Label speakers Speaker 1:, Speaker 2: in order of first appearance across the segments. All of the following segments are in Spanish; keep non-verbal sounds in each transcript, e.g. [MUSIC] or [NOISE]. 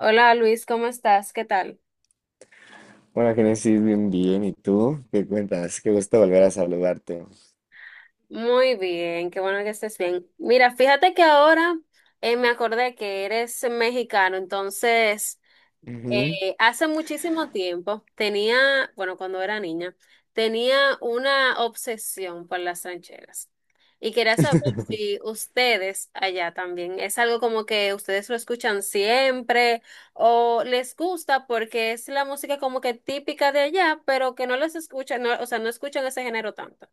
Speaker 1: Hola Luis, ¿cómo estás? ¿Qué tal?
Speaker 2: Hola, Génesis, bien, bien. ¿Y tú? ¿Qué cuentas? Qué gusto volver a saludarte.
Speaker 1: Muy bien, qué bueno que estés bien. Mira, fíjate que ahora me acordé que eres mexicano, entonces
Speaker 2: Ujú.
Speaker 1: Hace muchísimo tiempo tenía, bueno, cuando era niña, tenía una obsesión por las rancheras. Y quería saber
Speaker 2: [LAUGHS]
Speaker 1: si ustedes allá también es algo como que ustedes lo escuchan siempre o les gusta porque es la música como que típica de allá, pero que no les escuchan, o sea, no escuchan ese género tanto.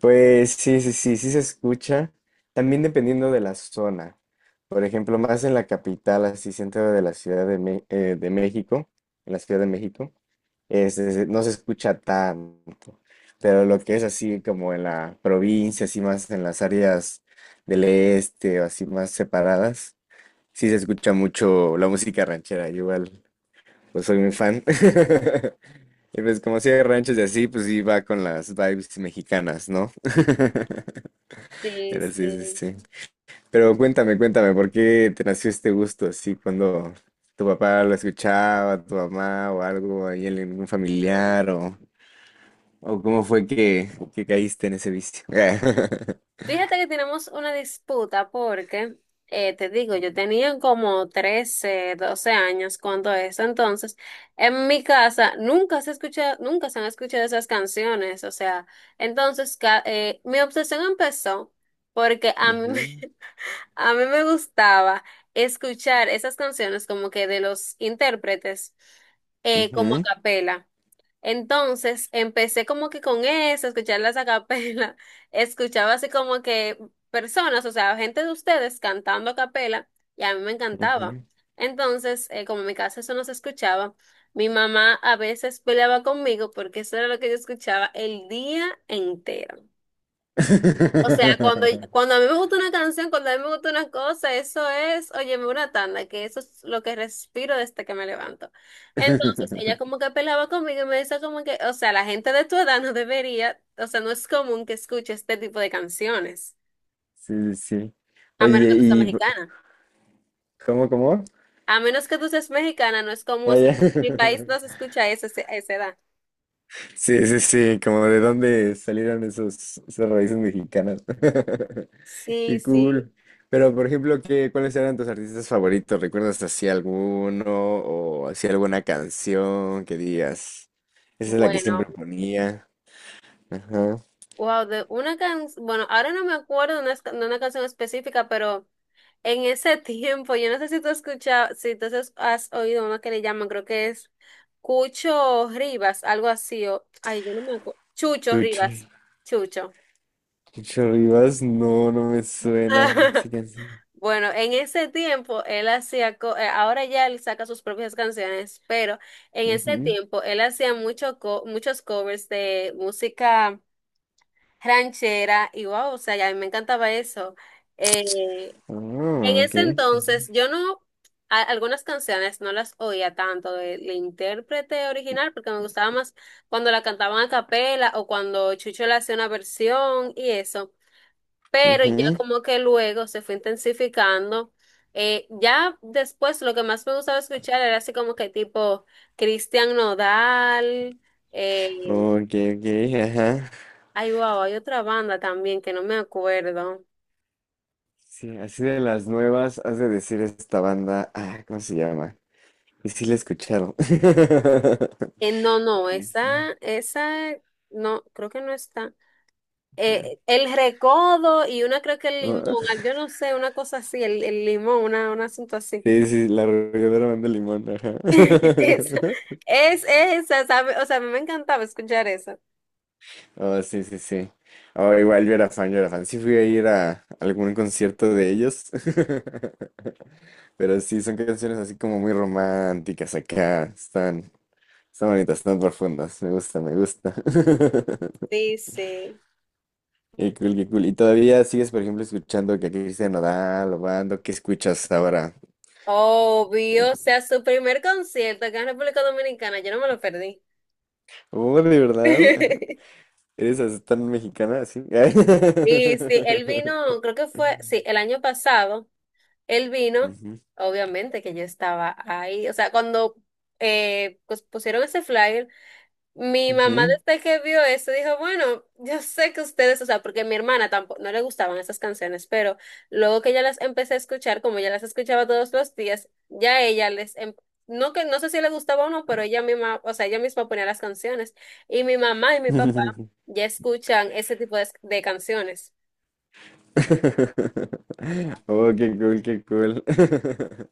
Speaker 2: Pues sí, sí, sí, sí se escucha. También dependiendo de la zona. Por ejemplo, más en la capital, así centro de la de México, en la Ciudad de México, no se escucha tanto. Pero lo que es así como en la provincia, así más en las áreas del este o así más separadas, sí se escucha mucho la música ranchera, igual. Pues soy muy fan. [LAUGHS] Y pues como hacía ranchos y así, pues iba con las vibes mexicanas, ¿no? [LAUGHS]
Speaker 1: Sí,
Speaker 2: Pero sí, sí,
Speaker 1: sí.
Speaker 2: sí. Pero cuéntame, cuéntame, ¿por qué te nació este gusto así cuando tu papá lo escuchaba, tu mamá o algo, ahí en algún
Speaker 1: Ah.
Speaker 2: familiar o, cómo fue que caíste en ese vicio? [LAUGHS]
Speaker 1: Fíjate que tenemos una disputa porque, te digo, yo tenía como 13 12 años cuando eso, entonces en mi casa nunca se escucha, nunca se han escuchado esas canciones, o sea, entonces mi obsesión empezó porque a mí,
Speaker 2: Ujú,
Speaker 1: [LAUGHS] a mí me gustaba escuchar esas canciones como que de los intérpretes como a capela. Entonces empecé como que con eso, escuchar las acapela, [LAUGHS] escuchaba así como que personas, o sea, gente de ustedes cantando a capela y a mí me
Speaker 2: ujú, ujú.
Speaker 1: encantaba. Entonces, como en mi casa eso no se escuchaba, mi mamá a veces peleaba conmigo porque eso era lo que yo escuchaba el día entero. O sea,
Speaker 2: [LAUGHS]
Speaker 1: cuando a mí me gusta una canción, cuando a mí me gusta una cosa, eso es, óyeme, una tanda, que eso es lo que respiro desde que me levanto. Entonces, ella como que pelaba conmigo y me decía como que, o sea, la gente de tu edad no debería, o sea, no es común que escuche este tipo de canciones,
Speaker 2: Sí, sí, sí.
Speaker 1: a menos
Speaker 2: Oye,
Speaker 1: que tú seas
Speaker 2: ¿y
Speaker 1: mexicana.
Speaker 2: cómo, cómo?
Speaker 1: A menos que tú seas mexicana, no es común, o
Speaker 2: Ah,
Speaker 1: sea,
Speaker 2: ya.
Speaker 1: en mi país no se
Speaker 2: [LAUGHS]
Speaker 1: escucha a esa edad.
Speaker 2: Sí, sí, sí, como de dónde salieron esos, esas raíces mexicanas. [LAUGHS]
Speaker 1: Sí,
Speaker 2: Qué
Speaker 1: sí.
Speaker 2: cool. Pero, por ejemplo, ¿qué, cuáles eran tus artistas favoritos? ¿Recuerdas así alguno o así alguna canción que digas? Esa es la que siempre
Speaker 1: Bueno,
Speaker 2: ponía. Ajá.
Speaker 1: wow, de una canción, bueno, ahora no me acuerdo de una canción específica, pero... En ese [LAUGHS] tiempo, yo no sé si tú has escuchado, si tú has oído uno que le llaman, creo que es Cucho Rivas, algo así, o, ay, yo no me acuerdo, Chucho
Speaker 2: Pucho.
Speaker 1: Rivas, Chucho.
Speaker 2: Pucho Rivas, no, no me suena. Sí,
Speaker 1: [LAUGHS]
Speaker 2: canción.
Speaker 1: Bueno, en ese tiempo él hacía, ahora ya él saca sus propias canciones, pero en ese
Speaker 2: Ujú.
Speaker 1: tiempo él hacía mucho muchos covers de música ranchera y wow, o sea, ya a mí me encantaba eso. Eh, En
Speaker 2: Ah, ok.
Speaker 1: ese
Speaker 2: Ujú.
Speaker 1: entonces, yo no, algunas canciones no las oía tanto del intérprete original porque me gustaba más cuando la cantaban a capela o cuando Chucho le hacía una versión y eso. Pero ya
Speaker 2: Ujú.
Speaker 1: como que luego se fue intensificando. Ya después lo que más me gustaba escuchar era así como que tipo Cristian Nodal. Eh,
Speaker 2: Ok, ok, ajá.
Speaker 1: ay, wow, hay otra banda también que no me acuerdo.
Speaker 2: Sí, así de las nuevas, has de decir esta banda, ah, ¿cómo se llama? Y sí la he escuchado. [LAUGHS]
Speaker 1: No, no,
Speaker 2: Sí, sí.
Speaker 1: esa, no, creo que no está. El recodo y una creo que el limón,
Speaker 2: Ah,
Speaker 1: ah,
Speaker 2: [LAUGHS]
Speaker 1: yo no sé, una cosa así, el limón, una, un asunto así.
Speaker 2: sí, sí, la arrolladora banda Limón, ajá.
Speaker 1: [LAUGHS] Esa,
Speaker 2: [LAUGHS]
Speaker 1: es esa, ¿sabe? O sea, a mí me encantaba escuchar eso.
Speaker 2: Oh, sí, sí, sí. Oh, igual yo era fan, yo era fan. Sí fui a ir a algún concierto de ellos. [LAUGHS] Pero sí, son canciones así como muy románticas acá. Están, están bonitas, están profundas. Me gusta, me gusta. [LAUGHS]
Speaker 1: Sí, sí.
Speaker 2: Qué cool, qué cool. ¿Y todavía sigues, por ejemplo, escuchando que a Cristian Nodal o Bando? ¿Qué escuchas ahora?
Speaker 1: Obvio, o sea, su primer concierto acá en República Dominicana, yo no me lo perdí.
Speaker 2: Oh, de verdad. Ajá.
Speaker 1: [LAUGHS]
Speaker 2: ¿Eres así tan mexicana así?
Speaker 1: Y sí, él
Speaker 2: [LAUGHS]
Speaker 1: vino, creo que fue, sí, el año pasado. Él vino,
Speaker 2: Ujú,
Speaker 1: obviamente que yo estaba ahí, o sea, cuando pues pusieron ese flyer, mi mamá
Speaker 2: ujú.
Speaker 1: desde que vio eso dijo, bueno, yo sé que ustedes, o sea, porque mi hermana tampoco, no le gustaban esas canciones, pero luego que ya las empecé a escuchar, como ya las escuchaba todos los días, ya ella les, no que no sé si le gustaba o no, pero ella misma, o sea, ella misma ponía las canciones y mi mamá y mi papá
Speaker 2: [LAUGHS]
Speaker 1: ya escuchan ese tipo de canciones.
Speaker 2: Oh, qué cool, qué cool. [LAUGHS]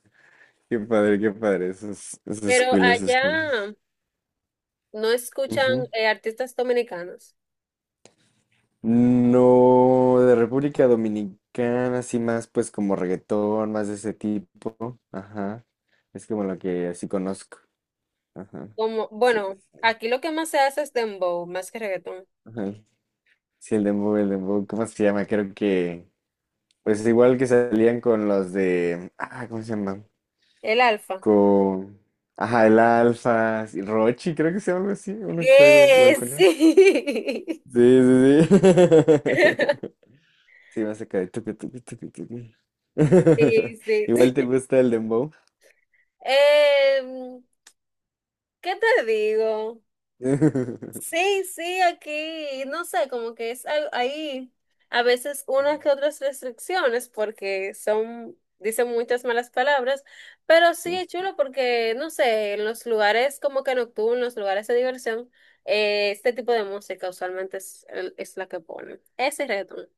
Speaker 2: Qué padre, qué padre. Eso es
Speaker 1: Pero
Speaker 2: cool, eso es cool.
Speaker 1: allá, no escuchan artistas dominicanos.
Speaker 2: No, de República Dominicana, así más pues como reggaetón, más de ese tipo. Ajá. Es como lo que así conozco. Ajá.
Speaker 1: Como,
Speaker 2: Sí, sí,
Speaker 1: bueno,
Speaker 2: sí.
Speaker 1: aquí lo que más se hace es dembow, más que reggaetón.
Speaker 2: Ajá. Sí, el dembow, ¿cómo se llama? Creo que, pues igual que salían con los de, ah, ¿cómo se llama?
Speaker 1: El Alfa.
Speaker 2: Con, ajá, el Alfa, sí, Rochi, creo que se llama algo así, uno que sabe igual
Speaker 1: ¿Qué?
Speaker 2: con él.
Speaker 1: Sí.
Speaker 2: Sí, sí, sí.
Speaker 1: [LAUGHS]
Speaker 2: [LAUGHS] Sí, más acá de tucu, tucu, tucu, tucu. [LAUGHS]
Speaker 1: Sí, sí,
Speaker 2: Igual te
Speaker 1: sí.
Speaker 2: gusta el dembow.
Speaker 1: [LAUGHS] Em, ¿qué te digo?
Speaker 2: [LAUGHS]
Speaker 1: Sí, sí, aquí, no sé, como que es ahí a veces unas que otras restricciones porque son, dicen muchas malas palabras, pero sí es
Speaker 2: Sí,
Speaker 1: chulo porque, no sé, en los lugares como que nocturnos, lugares de diversión, este tipo de música usualmente es, es la que ponen. Ese reggaetón.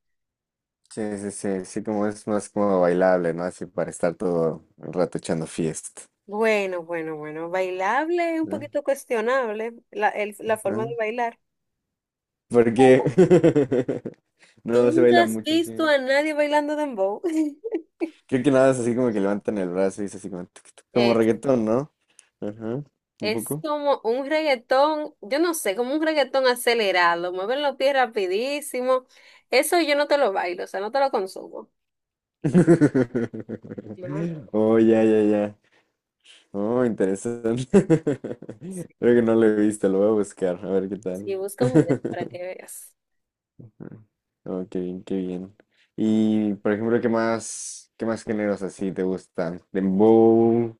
Speaker 2: sí, sí, sí, sí, como es más como bailable, ¿no? Así para estar todo el rato echando fiesta.
Speaker 1: Bueno, bueno, bueno, bailable, un
Speaker 2: ¿No?
Speaker 1: poquito cuestionable la, la forma
Speaker 2: Ajá.
Speaker 1: de bailar.
Speaker 2: Porque
Speaker 1: Pero
Speaker 2: [LAUGHS]
Speaker 1: ¿tú
Speaker 2: no se
Speaker 1: nunca
Speaker 2: baila
Speaker 1: has
Speaker 2: mucho,
Speaker 1: visto
Speaker 2: sí.
Speaker 1: a nadie bailando dembow? [LAUGHS]
Speaker 2: Creo que nada es así como que levantan el brazo y es así como, tuc, tuc, como
Speaker 1: eh,
Speaker 2: reggaetón, ¿no? Ajá, un
Speaker 1: Es
Speaker 2: poco.
Speaker 1: como un reggaetón, yo no sé, como un reggaetón acelerado, mueven los pies rapidísimo. Eso yo no te lo bailo, o sea, no te lo consumo. No, no.
Speaker 2: [LAUGHS] Oh, ya, ya, ya. Oh, interesante. [LAUGHS] Creo que no lo he visto, lo voy a buscar, a ver qué
Speaker 1: Sí,
Speaker 2: tal.
Speaker 1: busca un video para que
Speaker 2: [LAUGHS]
Speaker 1: veas.
Speaker 2: Oh, qué bien, qué bien. Y, por ejemplo, qué más géneros así te gustan? Dembow,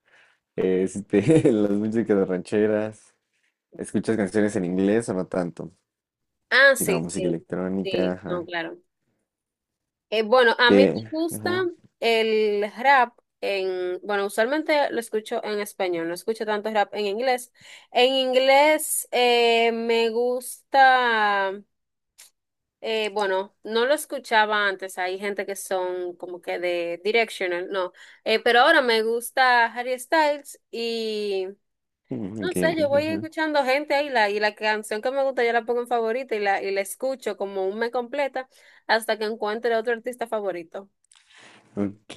Speaker 2: [LAUGHS] las músicas rancheras. ¿Escuchas canciones en inglés o no tanto?
Speaker 1: Ah,
Speaker 2: Así
Speaker 1: sí,
Speaker 2: como música
Speaker 1: sí,
Speaker 2: electrónica,
Speaker 1: sí, no,
Speaker 2: ajá.
Speaker 1: claro. Bueno, a mí me
Speaker 2: ¿Qué?
Speaker 1: gusta
Speaker 2: Ajá.
Speaker 1: el rap en, bueno, usualmente lo escucho en español, no escucho tanto rap en inglés. En inglés me gusta. Bueno, no lo escuchaba antes. Hay gente que son como que de Directional, no. Pero ahora me gusta Harry Styles y
Speaker 2: Mm, ok,
Speaker 1: no sé,
Speaker 2: ok,
Speaker 1: yo voy
Speaker 2: ujú.
Speaker 1: escuchando gente ahí la, y la canción que me gusta yo la pongo en favorita y la escucho como un me completa hasta que encuentre otro artista favorito.
Speaker 2: Ok,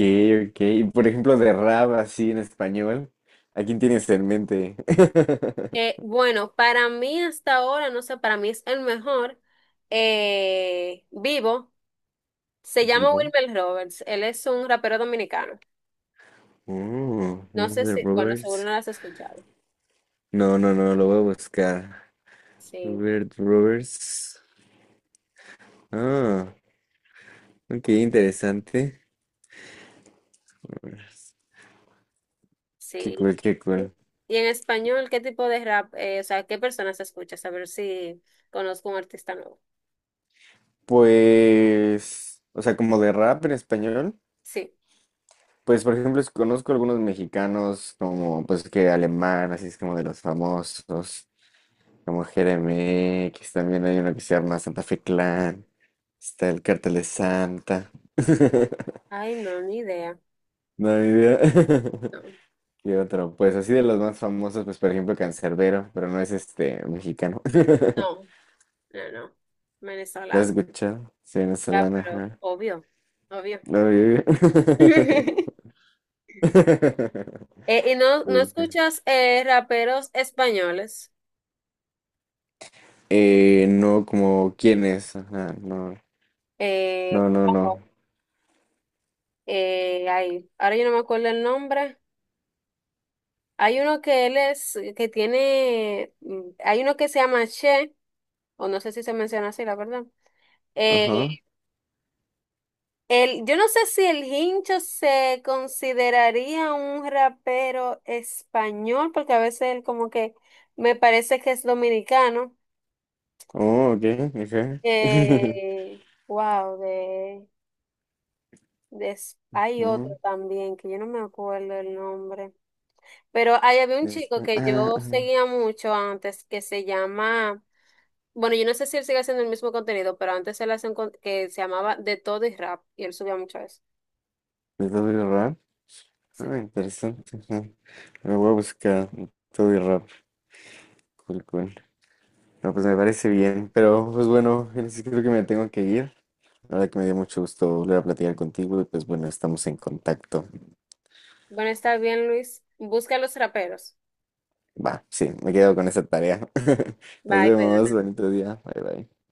Speaker 2: ok. Y, por ejemplo, de rap así en español, ¿a quién tienes en mente? [LAUGHS]
Speaker 1: Bueno, para mí hasta ahora, no sé, para mí es el mejor vivo. Se llama
Speaker 2: Vivo.
Speaker 1: Wilmer Roberts. Él es un rapero dominicano.
Speaker 2: Oh,
Speaker 1: No sé
Speaker 2: Wilbur
Speaker 1: si, bueno, seguro
Speaker 2: Roberts.
Speaker 1: no lo has escuchado.
Speaker 2: No, no, no, lo voy a buscar.
Speaker 1: Sí.
Speaker 2: Wilbur Roberts. Ah, ok, interesante. Roberts. Qué
Speaker 1: Sí.
Speaker 2: cool, qué cool.
Speaker 1: Y en español, ¿qué tipo de rap, o sea, qué personas escuchas? A ver si conozco un artista nuevo.
Speaker 2: Pues, o sea, como de rap en español,
Speaker 1: Sí.
Speaker 2: pues por ejemplo, conozco algunos mexicanos como, pues que alemán, así es como de los famosos, como Jeremy X. También hay uno que se llama Santa Fe Clan. Está el Cartel de Santa. [LAUGHS]
Speaker 1: Ay, no, ni idea.
Speaker 2: No hay idea. [LAUGHS]
Speaker 1: No,
Speaker 2: ¿Qué otro? Pues así de los más famosos, pues por ejemplo Cancerbero, pero no es este mexicano. [LAUGHS]
Speaker 1: no, no, no.
Speaker 2: ¿Lo has
Speaker 1: Venezolano.
Speaker 2: escuchado? Sí,
Speaker 1: Ya,
Speaker 2: venezolana,
Speaker 1: pero
Speaker 2: ajá.
Speaker 1: obvio, obvio.
Speaker 2: No, yo-
Speaker 1: [LAUGHS]
Speaker 2: [LAUGHS]
Speaker 1: ¿Y no, no
Speaker 2: Uy, qué-
Speaker 1: escuchas raperos españoles?
Speaker 2: No, como quién es, ajá, no,
Speaker 1: Eh,
Speaker 2: no, no,
Speaker 1: wow,
Speaker 2: no.
Speaker 1: ay, ahora yo no me acuerdo el nombre. Hay uno que él es, que tiene, hay uno que se llama Che, o no sé si se menciona así, la verdad. Eh,
Speaker 2: Ajá.
Speaker 1: el, yo no sé si el Hincho se consideraría un rapero español, porque a veces él como que me parece que es dominicano.
Speaker 2: Oh, ok, ajá. [LAUGHS]
Speaker 1: Wow, de, hay otro
Speaker 2: Mm,
Speaker 1: también que yo no me acuerdo el nombre. Pero ahí había un chico que
Speaker 2: Ah,
Speaker 1: yo
Speaker 2: ajá.
Speaker 1: seguía mucho antes que se llama, bueno, yo no sé si él sigue haciendo el mismo contenido, pero antes él hacía un que se llamaba De Todo y Rap y él subía mucho eso.
Speaker 2: ¿De Toby Rap? Ah, interesante, ajá. Lo voy a buscar, Toby Rap. Cool, cool. No, pues me parece bien, pero pues bueno, Génesis, creo que me tengo que ir. La verdad que me dio mucho gusto volver a platicar contigo y pues bueno, estamos en contacto.
Speaker 1: Bueno, está bien, Luis. Busca a los raperos.
Speaker 2: Va, sí, me quedo con esa tarea. [LAUGHS] Nos
Speaker 1: Bye,
Speaker 2: vemos,
Speaker 1: cuídate.
Speaker 2: bonito día. Bye bye.